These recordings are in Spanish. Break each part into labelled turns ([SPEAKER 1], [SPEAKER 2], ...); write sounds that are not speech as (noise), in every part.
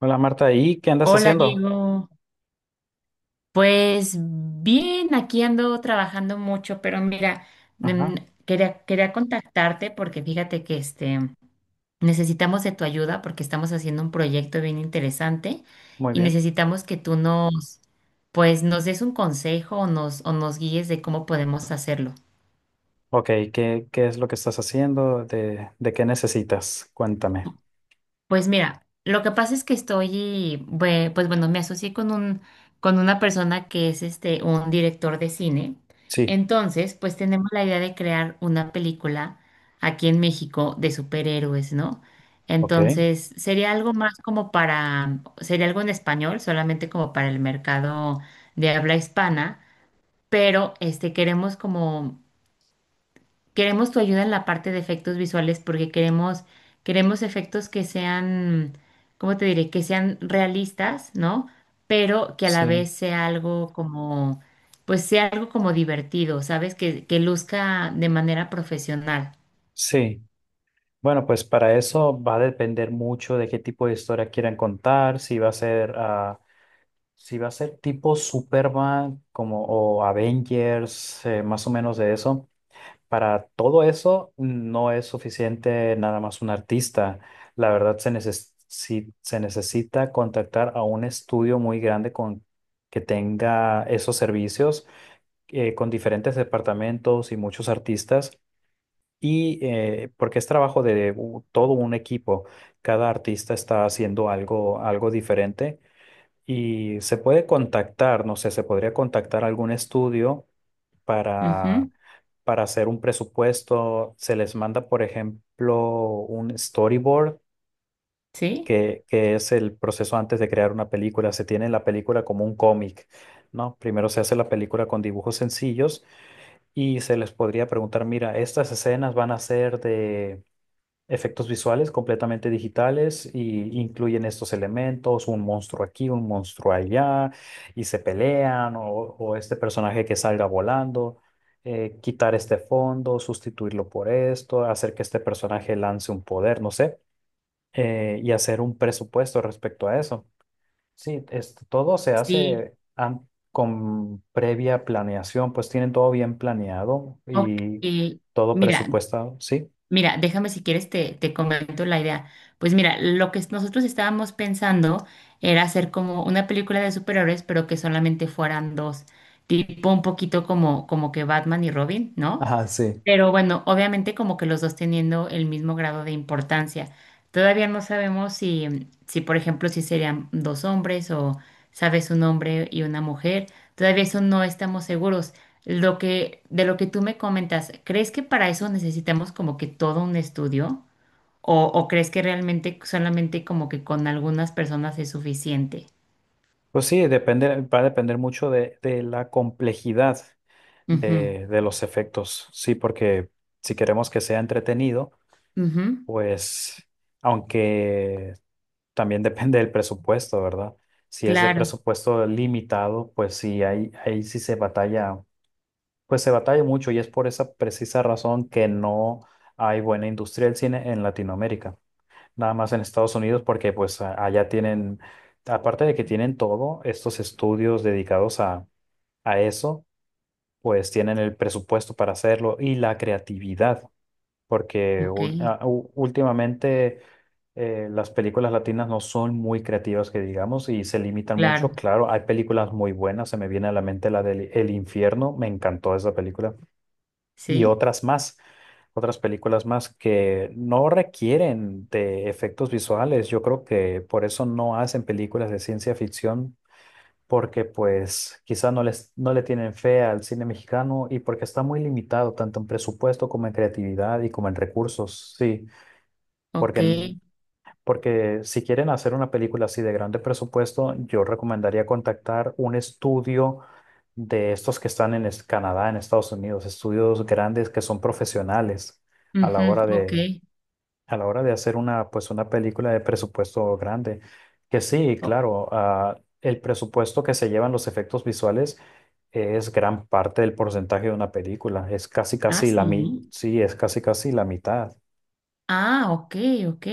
[SPEAKER 1] Hola Marta, ¿y qué andas
[SPEAKER 2] Hola
[SPEAKER 1] haciendo?
[SPEAKER 2] Diego, pues bien, aquí ando trabajando mucho, pero mira, mm,
[SPEAKER 1] Ajá,
[SPEAKER 2] quería contactarte porque fíjate que necesitamos de tu ayuda porque estamos haciendo un proyecto bien interesante
[SPEAKER 1] muy
[SPEAKER 2] y
[SPEAKER 1] bien.
[SPEAKER 2] necesitamos que tú nos, pues nos des un consejo o nos guíes de cómo podemos hacerlo.
[SPEAKER 1] Ok, ¿qué es lo que estás haciendo? ¿¿De qué necesitas? Cuéntame.
[SPEAKER 2] Pues mira, lo que pasa es que estoy, pues bueno, me asocié con una persona que es un director de cine.
[SPEAKER 1] Sí,
[SPEAKER 2] Entonces, pues tenemos la idea de crear una película aquí en México de superhéroes, ¿no?
[SPEAKER 1] ok.
[SPEAKER 2] Entonces, sería algo más como para, sería algo en español, solamente como para el mercado de habla hispana, pero este queremos como Queremos tu ayuda en la parte de efectos visuales porque queremos efectos que sean, ¿cómo te diré? Que sean realistas, ¿no? Pero que a la
[SPEAKER 1] Sí,
[SPEAKER 2] vez sea algo como, pues sea algo como divertido, ¿sabes? Que luzca de manera profesional.
[SPEAKER 1] sí. Bueno, pues para eso va a depender mucho de qué tipo de historia quieran contar, si va a ser, si va a ser tipo Superman, como o Avengers, más o menos de eso. Para todo eso no es suficiente nada más un artista. La verdad se neces- si- se necesita contactar a un estudio muy grande con que tenga esos servicios, con diferentes departamentos y muchos artistas. Y porque es trabajo de todo un equipo. Cada artista está haciendo algo, algo diferente y se puede contactar, no sé, se podría contactar a algún estudio
[SPEAKER 2] Ujú.
[SPEAKER 1] para para hacer un presupuesto. Se les manda, por ejemplo, un storyboard,
[SPEAKER 2] ¿Sí?
[SPEAKER 1] que es el proceso antes de crear una película. Se tiene la película como un cómic, ¿no? Primero se hace la película con dibujos sencillos y se les podría preguntar, mira, estas escenas van a ser de efectos visuales completamente digitales y incluyen estos elementos, un monstruo aquí, un monstruo allá, y se pelean, o este personaje que salga volando, quitar este fondo, sustituirlo por esto, hacer que este personaje lance un poder, no sé, y hacer un presupuesto respecto a eso. Sí, esto, todo se
[SPEAKER 2] Sí.
[SPEAKER 1] hace con previa planeación, pues tienen todo bien planeado
[SPEAKER 2] Ok.
[SPEAKER 1] y todo
[SPEAKER 2] Mira,
[SPEAKER 1] presupuestado, ¿sí?
[SPEAKER 2] Mira, déjame si quieres te comento la idea. Pues mira, lo que nosotros estábamos pensando era hacer como una película de superhéroes, pero que solamente fueran dos, tipo un poquito como que Batman y Robin, ¿no?
[SPEAKER 1] Ajá, sí.
[SPEAKER 2] Pero bueno, obviamente como que los dos teniendo el mismo grado de importancia. Todavía no sabemos si por ejemplo, si serían dos hombres o, sabes, un hombre y una mujer. Todavía eso no estamos seguros. Lo que, de lo que tú me comentas, ¿crees que para eso necesitamos como que todo un estudio? ¿O crees que realmente solamente como que con algunas personas es suficiente?
[SPEAKER 1] Pues sí, depende, va a depender mucho de la complejidad de los efectos. Sí, porque si queremos que sea entretenido,
[SPEAKER 2] Ujú, ujú.
[SPEAKER 1] pues aunque también (laughs) depende del presupuesto, ¿verdad? Si es de
[SPEAKER 2] Claro,
[SPEAKER 1] presupuesto limitado, pues sí, ahí, ahí sí se batalla, pues se batalla mucho y es por esa precisa razón que no hay buena industria del cine en Latinoamérica, nada más en Estados Unidos, porque pues allá tienen, aparte de que tienen todo, estos estudios dedicados a eso, pues tienen el presupuesto para hacerlo y la creatividad, porque
[SPEAKER 2] ok,
[SPEAKER 1] últimamente las películas latinas no son muy creativas, que digamos, y se limitan
[SPEAKER 2] claro,
[SPEAKER 1] mucho. Claro, hay películas muy buenas, se me viene a la mente la del El Infierno, me encantó esa película, y
[SPEAKER 2] sí,
[SPEAKER 1] otras más, otras películas más que no requieren de efectos visuales. Yo creo que por eso no hacen películas de ciencia ficción, porque pues quizá no les, no le tienen fe al cine mexicano y porque está muy limitado tanto en presupuesto como en creatividad y como en recursos. Sí,
[SPEAKER 2] ok,
[SPEAKER 1] porque, porque si quieren hacer una película así de grande presupuesto, yo recomendaría contactar un estudio de estos que están en Canadá, en Estados Unidos, estudios grandes que son profesionales a la
[SPEAKER 2] ujú,
[SPEAKER 1] hora
[SPEAKER 2] ok.
[SPEAKER 1] de, a la hora de hacer una, pues una película de presupuesto grande. Que sí, claro, el presupuesto que se llevan los efectos visuales es gran parte del porcentaje de una película. Es casi
[SPEAKER 2] Ah,
[SPEAKER 1] casi la mi
[SPEAKER 2] sí.
[SPEAKER 1] sí, es casi casi la mitad.
[SPEAKER 2] Ah, ok, ok.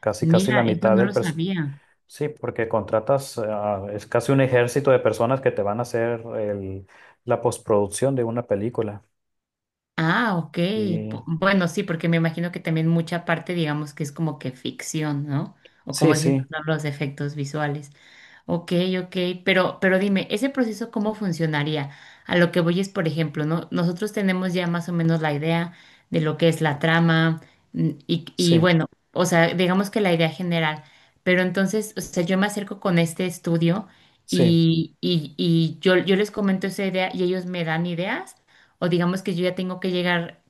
[SPEAKER 1] Casi casi
[SPEAKER 2] Mira,
[SPEAKER 1] la
[SPEAKER 2] esto
[SPEAKER 1] mitad
[SPEAKER 2] no
[SPEAKER 1] del
[SPEAKER 2] lo
[SPEAKER 1] presupuesto.
[SPEAKER 2] sabía.
[SPEAKER 1] Sí, porque contratas, es casi un ejército de personas que te van a hacer la postproducción de una película.
[SPEAKER 2] Ah, ok.
[SPEAKER 1] Y
[SPEAKER 2] Bueno, sí, porque me imagino que también mucha parte, digamos, que es como que ficción, ¿no? O
[SPEAKER 1] sí,
[SPEAKER 2] como dices, tú,
[SPEAKER 1] sí,
[SPEAKER 2] ¿no?, los efectos visuales. Ok, ok, pero dime, ¿ese proceso cómo funcionaría? A lo que voy es, por ejemplo, ¿no? Nosotros tenemos ya más o menos la idea de lo que es la trama, y
[SPEAKER 1] sí,
[SPEAKER 2] bueno, o sea, digamos que la idea general, pero entonces, o sea, yo me acerco con este estudio
[SPEAKER 1] sí,
[SPEAKER 2] y yo les comento esa idea y ellos me dan ideas. O digamos que yo ya tengo que llegar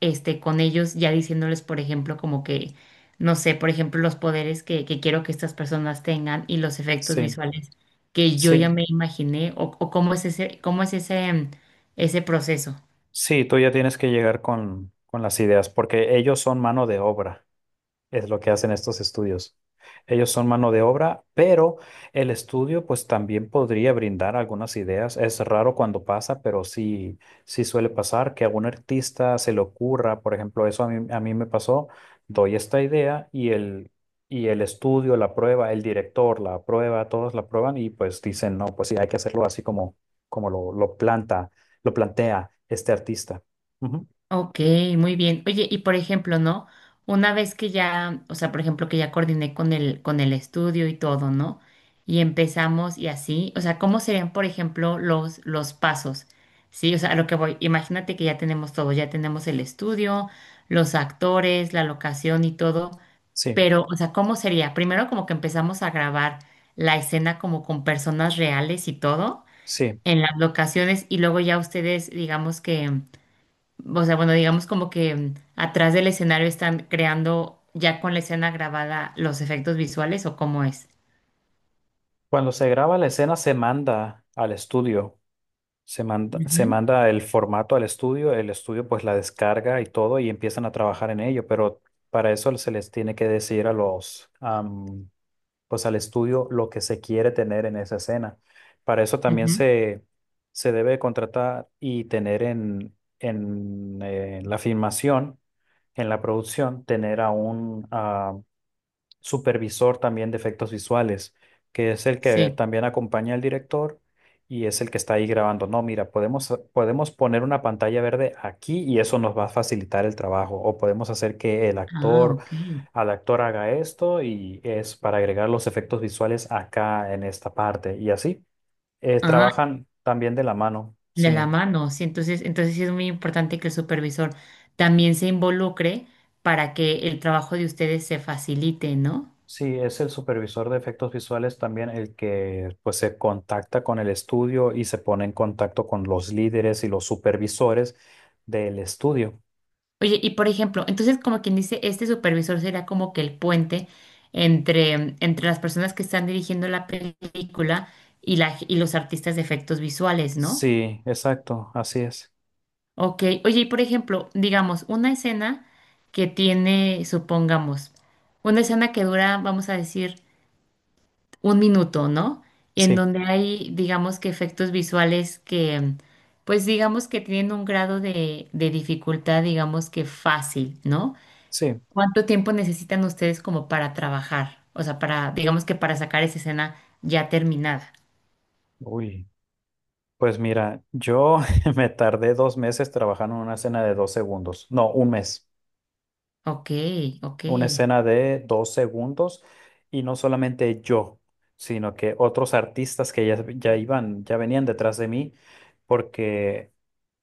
[SPEAKER 2] con ellos ya diciéndoles, por ejemplo, como que, no sé, por ejemplo, los poderes que quiero que estas personas tengan y los efectos
[SPEAKER 1] sí,
[SPEAKER 2] visuales que yo ya
[SPEAKER 1] sí.
[SPEAKER 2] me imaginé o cómo es ese ese proceso.
[SPEAKER 1] Sí, tú ya tienes que llegar con las ideas, porque ellos son mano de obra. Es lo que hacen estos estudios. Ellos son mano de obra, pero el estudio pues también podría brindar algunas ideas. Es raro cuando pasa, pero sí, sí suele pasar que a algún artista se le ocurra, por ejemplo, eso a mí me pasó, doy esta idea y el estudio la aprueba, el director la aprueba, todos la aprueban y pues dicen, no, pues sí, hay que hacerlo así como, como lo, lo plantea este artista. Ujú.
[SPEAKER 2] Ok, muy bien. Oye, y por ejemplo, ¿no? Una vez que ya, o sea, por ejemplo, que ya coordiné con el estudio y todo, ¿no? Y empezamos y así, o sea, ¿cómo serían, por ejemplo, los pasos? Sí, o sea, a lo que voy, imagínate que ya tenemos todo, ya tenemos el estudio, los actores, la locación y todo,
[SPEAKER 1] Sí,
[SPEAKER 2] pero, o sea, ¿cómo sería? Primero como que empezamos a grabar la escena como con personas reales y todo
[SPEAKER 1] sí.
[SPEAKER 2] en las locaciones y luego ya ustedes, digamos que, o sea, bueno, digamos como que atrás del escenario están creando ya con la escena grabada los efectos visuales o cómo es.
[SPEAKER 1] Cuando se graba la escena se manda al estudio, se
[SPEAKER 2] Ujú,
[SPEAKER 1] manda el formato al estudio, el estudio pues la descarga y todo y empiezan a trabajar en ello, pero para eso se les tiene que decir a los, pues al estudio lo que se quiere tener en esa escena. Para eso también
[SPEAKER 2] ujú.
[SPEAKER 1] se debe contratar y tener en la filmación, en la producción, tener a un, supervisor también de efectos visuales, que es el que
[SPEAKER 2] Sí.
[SPEAKER 1] también acompaña al director y es el que está ahí grabando. No, mira, podemos, podemos poner una pantalla verde aquí y eso nos va a facilitar el trabajo. O podemos hacer que el
[SPEAKER 2] Ah,
[SPEAKER 1] actor,
[SPEAKER 2] ok.
[SPEAKER 1] al actor haga esto y es para agregar los efectos visuales acá en esta parte. Y así,
[SPEAKER 2] Ah,
[SPEAKER 1] trabajan también de la mano.
[SPEAKER 2] de
[SPEAKER 1] Sí.
[SPEAKER 2] la mano. Sí, entonces sí es muy importante que el supervisor también se involucre para que el trabajo de ustedes se facilite, ¿no?
[SPEAKER 1] Sí, es el supervisor de efectos visuales también el que pues se contacta con el estudio y se pone en contacto con los líderes y los supervisores del estudio.
[SPEAKER 2] Oye, y por ejemplo, entonces como quien dice, este supervisor será como que el puente entre las personas que están dirigiendo la película y los artistas de efectos visuales, ¿no?
[SPEAKER 1] Sí, exacto, así es.
[SPEAKER 2] Ok, oye, y por ejemplo, digamos, una escena que tiene, supongamos, una escena que dura, vamos a decir, 1 minuto, ¿no? En
[SPEAKER 1] Sí,
[SPEAKER 2] donde hay, digamos que efectos visuales que, pues digamos que tienen un grado de dificultad, digamos que fácil, ¿no?
[SPEAKER 1] sí.
[SPEAKER 2] ¿Cuánto tiempo necesitan ustedes como para trabajar? O sea, para, digamos que para sacar esa escena ya terminada.
[SPEAKER 1] Uy, pues mira, yo (laughs) me tardé dos meses trabajando en una escena de dos segundos. No, un mes.
[SPEAKER 2] Ok, ok,
[SPEAKER 1] Una escena de dos segundos y no solamente yo, sino que otros artistas que ya, ya iban, ya venían detrás de mí, porque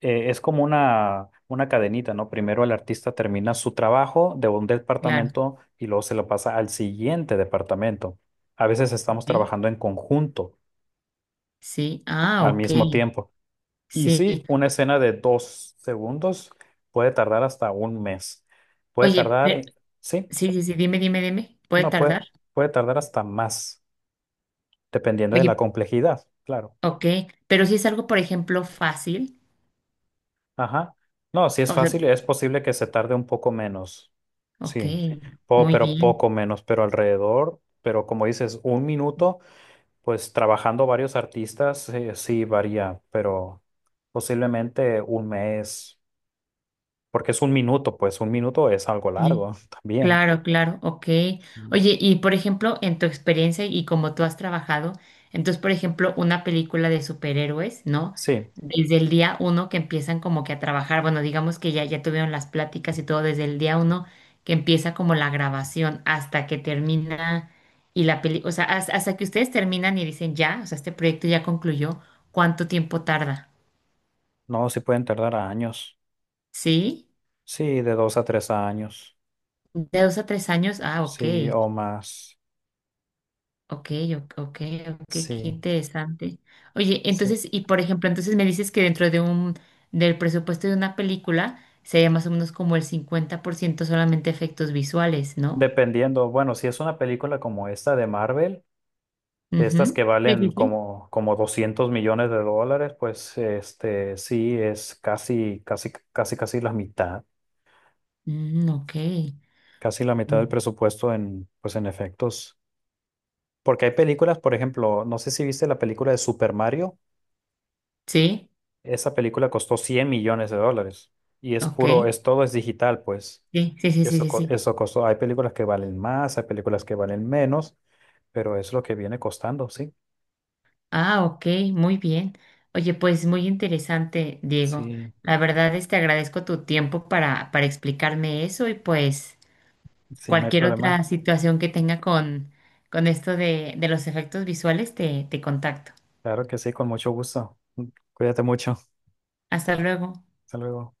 [SPEAKER 1] es como una cadenita, ¿no? Primero el artista termina su trabajo de un
[SPEAKER 2] claro.
[SPEAKER 1] departamento y luego se lo pasa al siguiente departamento. A veces estamos
[SPEAKER 2] Ok,
[SPEAKER 1] trabajando en conjunto
[SPEAKER 2] sí, ah,
[SPEAKER 1] al
[SPEAKER 2] ok,
[SPEAKER 1] mismo tiempo. Y sí,
[SPEAKER 2] sí.
[SPEAKER 1] una escena de dos segundos puede tardar hasta un mes. Puede
[SPEAKER 2] Oye,
[SPEAKER 1] tardar, sí.
[SPEAKER 2] sí, sí, sí, dime, dime, dime. ¿Puede
[SPEAKER 1] No puede,
[SPEAKER 2] tardar?
[SPEAKER 1] puede tardar hasta más, dependiendo de la
[SPEAKER 2] Oye,
[SPEAKER 1] complejidad, claro.
[SPEAKER 2] ok, pero si es algo, por ejemplo, fácil.
[SPEAKER 1] Ajá. No, si es
[SPEAKER 2] O sea,
[SPEAKER 1] fácil, es posible que se tarde un poco menos.
[SPEAKER 2] ok,
[SPEAKER 1] Sí,
[SPEAKER 2] muy
[SPEAKER 1] pero
[SPEAKER 2] bien.
[SPEAKER 1] poco menos, pero alrededor, pero como dices, un minuto, pues trabajando varios artistas, sí varía, pero posiblemente un mes, porque es un minuto, pues un minuto es algo
[SPEAKER 2] Sí.
[SPEAKER 1] largo (laughs) también.
[SPEAKER 2] Claro, claro, ok.
[SPEAKER 1] Mm.
[SPEAKER 2] Oye, y por ejemplo, en tu experiencia y como tú has trabajado, entonces, por ejemplo, una película de superhéroes, ¿no?
[SPEAKER 1] Sí,
[SPEAKER 2] Desde el día uno que empiezan como que a trabajar, bueno, digamos que ya tuvieron las pláticas y todo, desde el día uno que empieza como la grabación hasta que termina y la peli, o sea, hasta que ustedes terminan y dicen ya, o sea, este proyecto ya concluyó, ¿cuánto tiempo tarda?
[SPEAKER 1] no, sí pueden tardar años.
[SPEAKER 2] ¿Sí?
[SPEAKER 1] Sí, de dos a tres años.
[SPEAKER 2] ¿De 2 a 3 años? Ah, ok.
[SPEAKER 1] Sí, o más.
[SPEAKER 2] Ok, ok, ok, ok, qué
[SPEAKER 1] Sí,
[SPEAKER 2] interesante. Oye,
[SPEAKER 1] sí.
[SPEAKER 2] entonces, y por ejemplo, entonces me dices que dentro del presupuesto de una película sería más o menos como el 50% solamente efectos visuales, ¿no?
[SPEAKER 1] Dependiendo, bueno, si es una película como esta de Marvel, de estas
[SPEAKER 2] Ujú.
[SPEAKER 1] que
[SPEAKER 2] Sí,
[SPEAKER 1] valen
[SPEAKER 2] sí, sí.
[SPEAKER 1] como, como 200 millones de dólares, pues este sí es casi, casi, casi,
[SPEAKER 2] Mm, ok.
[SPEAKER 1] casi la mitad del
[SPEAKER 2] Mm.
[SPEAKER 1] presupuesto en, pues en efectos. Porque hay películas, por ejemplo, no sé si viste la película de Super Mario,
[SPEAKER 2] Sí,
[SPEAKER 1] esa película costó 100 millones de dólares y es
[SPEAKER 2] ok.
[SPEAKER 1] puro, es todo es digital, pues.
[SPEAKER 2] Sí, sí, sí, sí,
[SPEAKER 1] Eso,
[SPEAKER 2] sí, sí.
[SPEAKER 1] eso costó, hay películas que valen más, hay películas que valen menos, pero es lo que viene costando, sí.
[SPEAKER 2] Ah, ok, muy bien. Oye, pues muy interesante, Diego.
[SPEAKER 1] Sí,
[SPEAKER 2] La verdad es que agradezco tu tiempo para explicarme eso y pues
[SPEAKER 1] sí, no hay
[SPEAKER 2] cualquier
[SPEAKER 1] problema.
[SPEAKER 2] otra situación que tenga con esto de los efectos visuales, te contacto.
[SPEAKER 1] Claro que sí, con mucho gusto. Cuídate mucho.
[SPEAKER 2] Hasta luego.
[SPEAKER 1] Hasta luego.